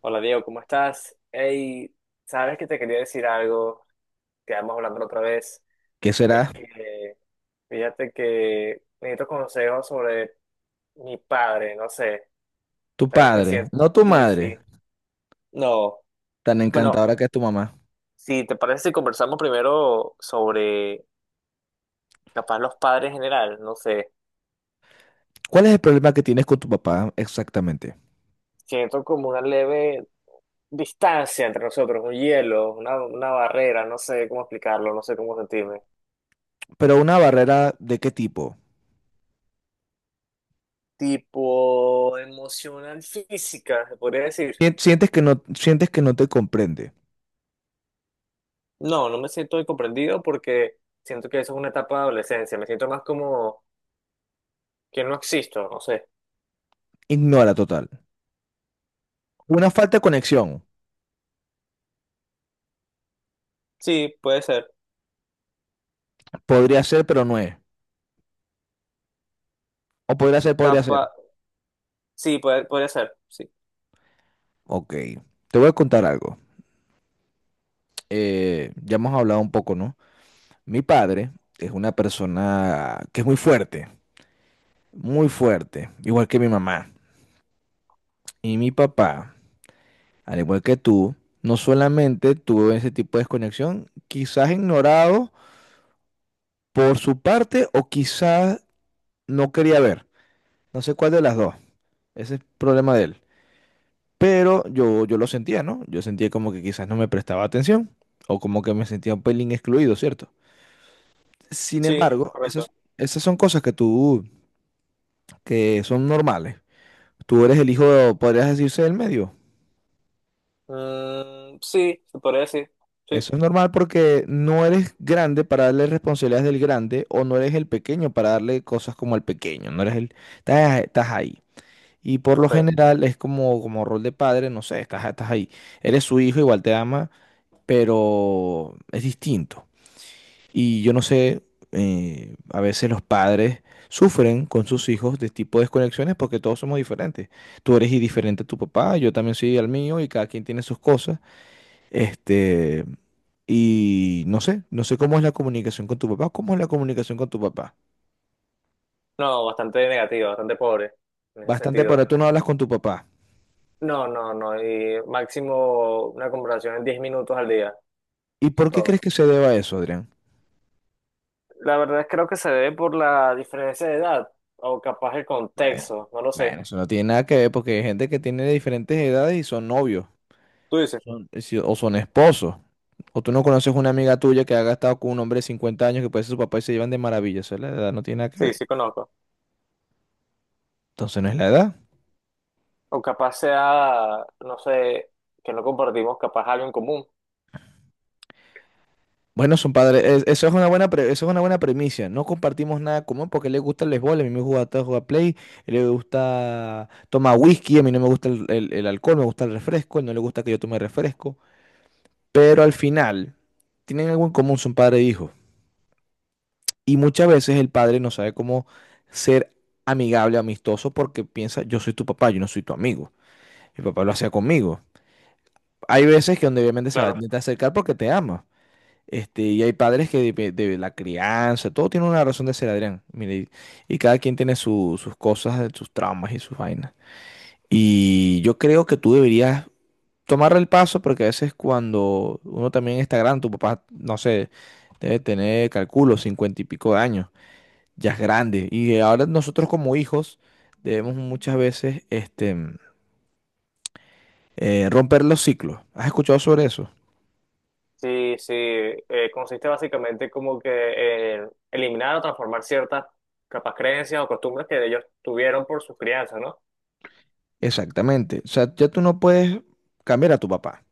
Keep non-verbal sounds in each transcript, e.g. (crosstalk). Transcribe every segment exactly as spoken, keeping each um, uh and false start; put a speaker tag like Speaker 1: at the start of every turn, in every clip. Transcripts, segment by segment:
Speaker 1: Hola Diego, ¿cómo estás? Hey, sabes que te quería decir algo, quedamos hablando la otra vez.
Speaker 2: que
Speaker 1: Es
Speaker 2: será
Speaker 1: que fíjate que necesito consejos sobre mi padre, no sé.
Speaker 2: tu
Speaker 1: Sabes que
Speaker 2: padre,
Speaker 1: siento.
Speaker 2: no tu
Speaker 1: Sí,
Speaker 2: madre,
Speaker 1: sí. No.
Speaker 2: tan
Speaker 1: Bueno,
Speaker 2: encantadora que es tu mamá.
Speaker 1: si te parece, si conversamos primero sobre capaz los padres en general, no sé.
Speaker 2: ¿Cuál es el problema que tienes con tu papá exactamente?
Speaker 1: Siento como una leve distancia entre nosotros, un hielo, una, una barrera, no sé cómo explicarlo, no sé cómo sentirme.
Speaker 2: ¿Pero una barrera de qué tipo?
Speaker 1: Tipo emocional física, se podría decir.
Speaker 2: Sien- Sientes que no, sientes que no te comprende.
Speaker 1: No, no me siento comprendido porque siento que eso es una etapa de adolescencia. Me siento más como que no existo, no sé.
Speaker 2: Ignora total. Una falta de conexión.
Speaker 1: Sí, puede ser.
Speaker 2: Podría ser, pero no es. O podría ser, podría ser.
Speaker 1: Capa, sí, puede, podría ser. Sí,
Speaker 2: Ok. Te voy a contar algo. Eh, ya hemos hablado un poco, ¿no? Mi padre es una persona que es muy fuerte, muy fuerte, igual que mi mamá. Y mi papá Al igual que tú, no solamente tuvo ese tipo de desconexión, quizás ignorado por su parte o quizás no quería ver. No sé cuál de las dos. Ese es problema de él. Pero yo, yo lo sentía, ¿no? Yo sentía como que quizás no me prestaba atención o como que me sentía un pelín excluido, ¿cierto? Sin
Speaker 1: sí, es
Speaker 2: embargo, esas,
Speaker 1: correcto.
Speaker 2: esas son cosas que tú, que son normales. Tú eres el hijo, podrías decirse, del medio.
Speaker 1: Mm, sí, se podría decir. Sí,
Speaker 2: Eso es normal porque no eres grande para darle responsabilidades del grande o no eres el pequeño para darle cosas como el pequeño, no eres el, estás, estás ahí. Y por lo
Speaker 1: ok.
Speaker 2: general es como, como rol de padre, no sé, estás, estás ahí. Eres su hijo, igual te ama, pero es distinto. Y yo no sé, eh, a veces los padres sufren con sus hijos de tipo de desconexiones porque todos somos diferentes. Tú eres diferente a tu papá, yo también soy al mío y cada quien tiene sus cosas. Este, y no sé, no sé cómo es la comunicación con tu papá, cómo es la comunicación con tu papá.
Speaker 1: No, bastante negativo, bastante pobre en ese
Speaker 2: Bastante para
Speaker 1: sentido.
Speaker 2: tú no hablas con tu papá.
Speaker 1: No, no, no. Y máximo una conversación en diez minutos al día.
Speaker 2: ¿Y
Speaker 1: Eso es
Speaker 2: por qué
Speaker 1: todo.
Speaker 2: crees que se deba a eso, Adrián?
Speaker 1: La verdad es creo que se debe por la diferencia de edad o capaz el
Speaker 2: Bueno,
Speaker 1: contexto, no lo sé.
Speaker 2: bueno, eso no tiene nada que ver porque hay gente que tiene diferentes edades y son novios,
Speaker 1: ¿Tú dices?
Speaker 2: son- eh, si- o son esposos, o tú no conoces una amiga tuya que haya estado con un hombre de cincuenta años que puede ser su papá y se llevan de maravilla. Eso es la edad, no tiene nada que
Speaker 1: Sí,
Speaker 2: ver.
Speaker 1: sí conozco.
Speaker 2: Entonces no es la edad.
Speaker 1: O capaz sea, no sé, que no compartimos capaz algo en común.
Speaker 2: Bueno, son padres, es- eso es una buena pre- eso es una buena premisa. No compartimos nada común porque le gusta el béisbol, a mí me gusta jugar play, él le gusta tomar whisky, a mí no me gusta el, el- el alcohol, me gusta el refresco, él no le gusta que yo tome refresco. Pero al final, tienen algo en común, son padre e hijo. Y muchas veces el padre no sabe cómo ser amigable, amistoso, porque piensa, yo soy tu papá, yo no soy tu amigo. Mi papá lo hacía conmigo. Hay veces que donde obviamente se va a
Speaker 1: Claro.
Speaker 2: intentar acercar porque te ama. Este, y hay padres que de, de la crianza, todo tiene una razón de ser, Adrián. Mire, y, y cada quien tiene su- sus cosas, sus traumas y sus vainas. Y yo creo que tú deberías tomar el paso porque a veces cuando uno también está grande, tu papá, no sé, debe tener, calculo, cincuenta y pico de años, ya es grande. Y ahora nosotros como hijos debemos muchas veces este, eh, romper los ciclos. ¿Has escuchado sobre eso?
Speaker 1: Sí, sí. Eh, consiste básicamente como que en eliminar o transformar ciertas capaz creencias o costumbres que ellos tuvieron por sus crianzas, ¿no?
Speaker 2: Exactamente. O sea, ya tú no puedes cambiar a tu papá.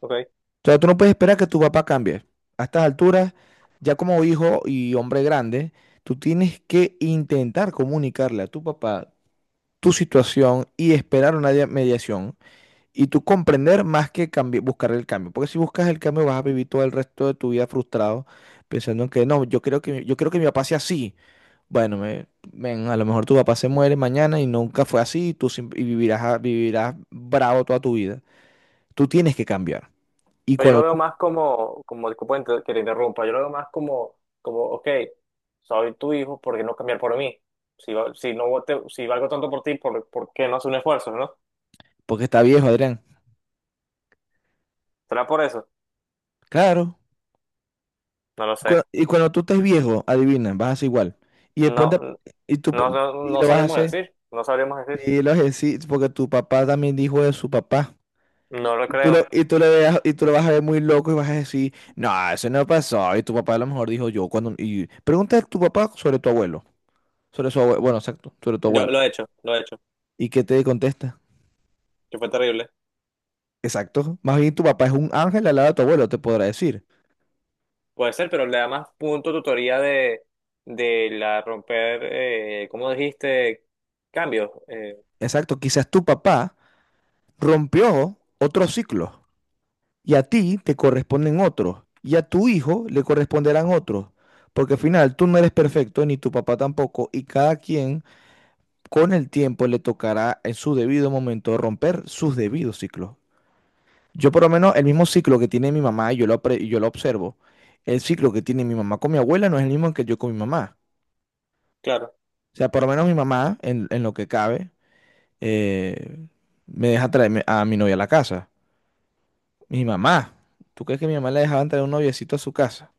Speaker 1: Ok.
Speaker 2: O sea, tú no puedes esperar que tu papá cambie. A estas alturas, ya como hijo y hombre grande, tú tienes que intentar comunicarle a tu papá tu situación y esperar una dia- mediación y tú comprender más que cambi- buscar el cambio. Porque si buscas el cambio vas a vivir todo el resto de tu vida frustrado pensando en que no, yo creo que, mi- yo creo que mi papá sea así. Bueno, me- men, a lo mejor tu papá se muere mañana y nunca fue así y tú sim- y vivirás, a- vivirás bravo toda tu vida. Tú tienes que cambiar. Y
Speaker 1: Pero yo
Speaker 2: cuando
Speaker 1: lo veo
Speaker 2: tú,
Speaker 1: más como, como disculpa inter- que te interrumpa, yo lo veo más como, como, ok, soy tu hijo, ¿por qué no cambiar por mí? Si, va- si, no te- si valgo tanto por ti, ¿por, por qué no hacer un esfuerzo, no?
Speaker 2: porque está viejo, Adrián.
Speaker 1: ¿Será por eso?
Speaker 2: Claro.
Speaker 1: No lo sé.
Speaker 2: Cua- Y cuando tú estés viejo, adivina, vas a hacer igual. Y el
Speaker 1: No,
Speaker 2: ponte, y tú
Speaker 1: no,
Speaker 2: pon-
Speaker 1: no,
Speaker 2: y
Speaker 1: no
Speaker 2: lo vas a
Speaker 1: sabríamos
Speaker 2: hacer.
Speaker 1: decir, no sabríamos decir.
Speaker 2: Y lo vas a decir, porque tu papá también dijo de su papá.
Speaker 1: No lo
Speaker 2: Y tú lo,
Speaker 1: creo.
Speaker 2: y tú le veas- y tú lo vas a ver muy loco y vas a decir, no, eso no pasó. Y tu papá a lo mejor dijo yo cuando. Y pregunta a tu papá sobre tu abuelo. Sobre su abuelo. Bueno, exacto, sobre tu
Speaker 1: Yo
Speaker 2: abuelo.
Speaker 1: lo he hecho, lo he hecho,
Speaker 2: ¿Y qué te contesta?
Speaker 1: que fue terrible.
Speaker 2: Exacto. Más bien tu papá es un ángel al lado de tu abuelo, te podrá decir.
Speaker 1: Puede ser, pero le da más punto tutoría de, de la romper, eh, ¿cómo dijiste? Cambios, eh,
Speaker 2: Exacto. Quizás tu papá rompió otro ciclo. y a ti te corresponden otros, y a tu hijo le corresponderán otros, porque al final tú no eres perfecto, ni tu papá tampoco, y cada quien con el tiempo le tocará en su debido momento romper sus debidos ciclos. Yo por lo menos el mismo ciclo que tiene mi mamá, y yo lo, pre- yo lo observo, el ciclo que tiene mi mamá con mi abuela no es el mismo que yo con mi mamá.
Speaker 1: claro.
Speaker 2: O sea, por lo menos mi mamá, en, en lo que cabe, eh, me deja traer a mi novia a la casa. Mi mamá, ¿tú crees que mi mamá le dejaba traer un noviecito a su casa?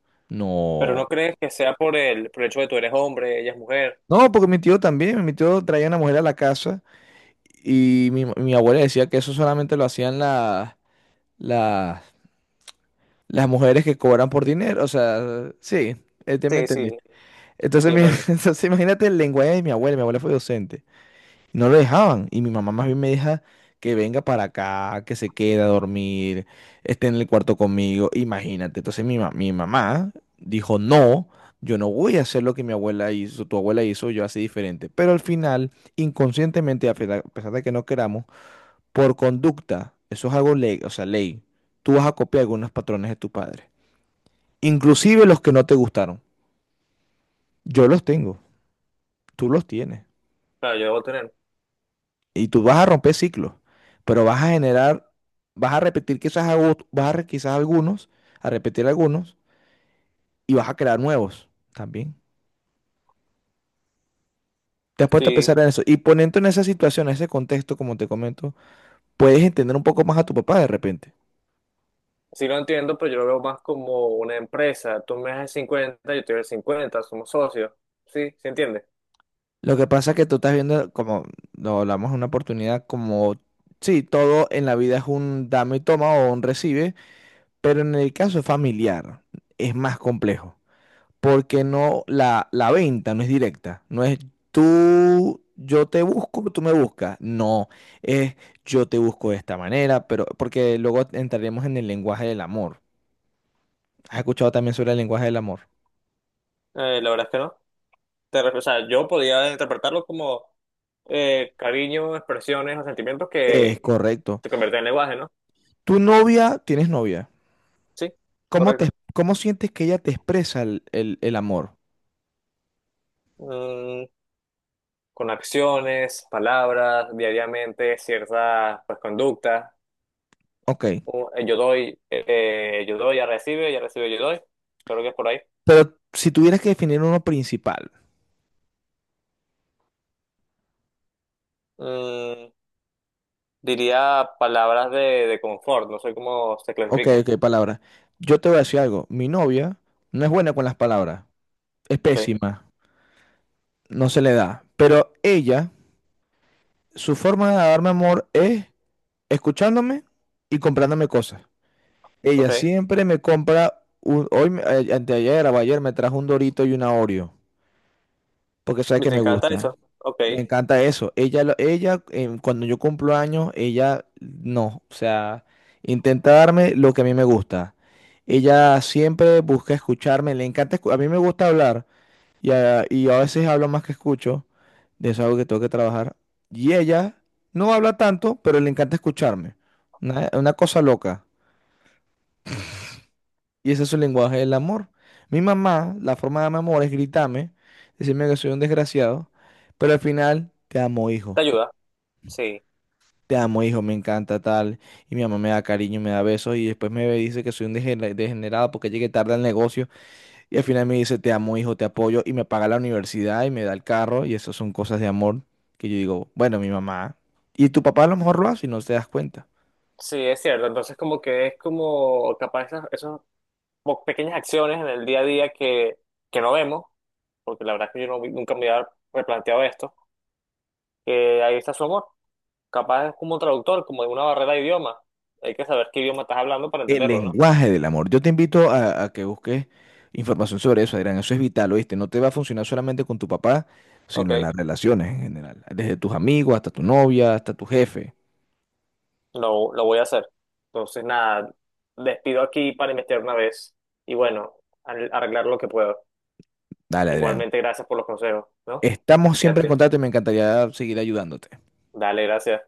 Speaker 1: Pero
Speaker 2: No,
Speaker 1: no crees que sea por el, por el hecho de tú eres hombre, ella es mujer.
Speaker 2: No, porque mi tío también, mi tío traía una mujer a la casa y mi, mi abuela decía que eso solamente lo hacían las, las, las mujeres que cobran por dinero, o sea, sí, eh, te me
Speaker 1: Sí, sí,
Speaker 2: entendiste. Entonces,
Speaker 1: sí,
Speaker 2: mi-
Speaker 1: dale.
Speaker 2: (laughs) entonces imagínate el lenguaje de mi abuela, mi abuela fue docente. No lo dejaban. Y mi mamá más bien me deja que venga para acá, que se quede a dormir, esté en el cuarto conmigo. Imagínate. Entonces mi, ma- mi mamá dijo, no, yo no voy a hacer lo que mi abuela hizo, tu abuela hizo, yo así diferente. Pero al final, inconscientemente, a pesa- a pesar de que no queramos, por conducta, eso es algo ley, o sea, ley. Tú vas a copiar algunos patrones de tu padre. Inclusive los que no te gustaron. Yo los tengo, tú los tienes.
Speaker 1: Claro, yo debo tener.
Speaker 2: Y tú vas a romper ciclos, pero vas a generar, vas a repetir quizás, a vas a re- quizás algunos, a repetir algunos, y vas a crear nuevos también. Te has puesto a
Speaker 1: Sí,
Speaker 2: pensar en eso. Y poniendo en esa situación, en ese contexto, como te comento, puedes entender un poco más a tu papá de repente.
Speaker 1: sí lo entiendo, pero yo lo veo más como una empresa. Tú me das el cincuenta, yo te doy el cincuenta, somos socios. Sí, ¿se entiende?
Speaker 2: Lo que pasa es que tú estás viendo, como lo hablamos en una oportunidad, como, sí, todo en la vida es un dame y toma o un recibe, pero en el caso familiar es más complejo. porque no, la, la venta no es directa, no es tú, yo te busco, tú me buscas, no, es yo te busco de esta manera, pero porque luego entraremos en el lenguaje del amor. ¿Has escuchado también sobre el lenguaje del amor?
Speaker 1: Eh, la verdad es que no. Te ref- o sea, yo podía interpretarlo como eh, cariño, expresiones o sentimientos
Speaker 2: Es
Speaker 1: que
Speaker 2: correcto.
Speaker 1: te convierten en lenguaje, ¿no?
Speaker 2: Tu novia, tienes novia.
Speaker 1: Sí,
Speaker 2: ¿Cómo te,
Speaker 1: correcto.
Speaker 2: cómo sientes que ella te expresa el, el- el amor?
Speaker 1: Mm, con acciones, palabras, diariamente, ciertas pues, conductas.
Speaker 2: Ok.
Speaker 1: Un- eh, yo doy, eh, yo doy, ya recibe, ya recibe, yo doy. Creo que es por ahí.
Speaker 2: Pero si tuvieras que definir uno principal.
Speaker 1: Mm, Diría palabras de, de confort, no sé cómo se
Speaker 2: Ok,
Speaker 1: clasifican.
Speaker 2: ok, palabra. Yo te voy a decir algo. Mi novia no es buena con las palabras. Es
Speaker 1: Ok,
Speaker 2: pésima. no se le da. Pero ella, su forma de darme amor es escuchándome y comprándome cosas. Ella
Speaker 1: ok.
Speaker 2: siempre me compra, un, hoy, me- eh, anteayer o ayer me trajo un Dorito y una Oreo, porque sabe
Speaker 1: ¿Y
Speaker 2: que
Speaker 1: te
Speaker 2: me
Speaker 1: encanta
Speaker 2: gusta.
Speaker 1: eso? Ok,
Speaker 2: Me
Speaker 1: te
Speaker 2: encanta eso. Ella, lo- ella em, cuando yo cumplo años, ella no, o sea, intenta darme lo que a mí me gusta. Ella siempre busca escucharme, le encanta, escu- a mí me gusta hablar. Y a, y a veces hablo más que escucho, de eso es algo que tengo que trabajar. Y ella no habla tanto, pero le encanta escucharme. Una, una cosa loca. Y ese es su lenguaje del amor. Mi mamá, la forma de darme amor es gritarme, decirme que soy un desgraciado, pero al final, te amo, hijo.
Speaker 1: ayuda. Sí,
Speaker 2: Te amo, hijo, me encanta tal. Y mi mamá me da cariño, me da besos y después me dice que soy un degener- degenerado porque llegué tarde al negocio. Y al final me dice, te amo, hijo, te apoyo, y me paga la universidad y me da el carro, y eso son cosas de amor que yo digo, bueno, mi mamá. Y tu papá a lo mejor lo hace y no te das cuenta.
Speaker 1: sí, es cierto. Entonces como que es como capaz esas, esas como pequeñas acciones en el día a día que, que no vemos, porque la verdad es que yo no- vi- nunca me había replanteado esto, que ahí está su amor. Capaz es como un traductor, como de una barrera de idioma. Hay que saber qué idioma estás hablando para
Speaker 2: El
Speaker 1: entenderlo, ¿no?
Speaker 2: lenguaje del amor. Yo te invito a, a, que busques información sobre eso, Adrián. Eso es vital, ¿oíste? No te va a funcionar solamente con tu papá,
Speaker 1: Ok,
Speaker 2: sino en las relaciones en general. Desde tus amigos hasta tu novia, hasta tu jefe.
Speaker 1: lo, lo voy a hacer. Entonces, nada, despido aquí para investigar una vez y bueno, al- arreglar lo que puedo.
Speaker 2: Dale, Adrián.
Speaker 1: Igualmente, gracias por los consejos, ¿no?
Speaker 2: Estamos siempre en
Speaker 1: Fíjate.
Speaker 2: contacto y me encantaría seguir ayudándote.
Speaker 1: Dale, gracias.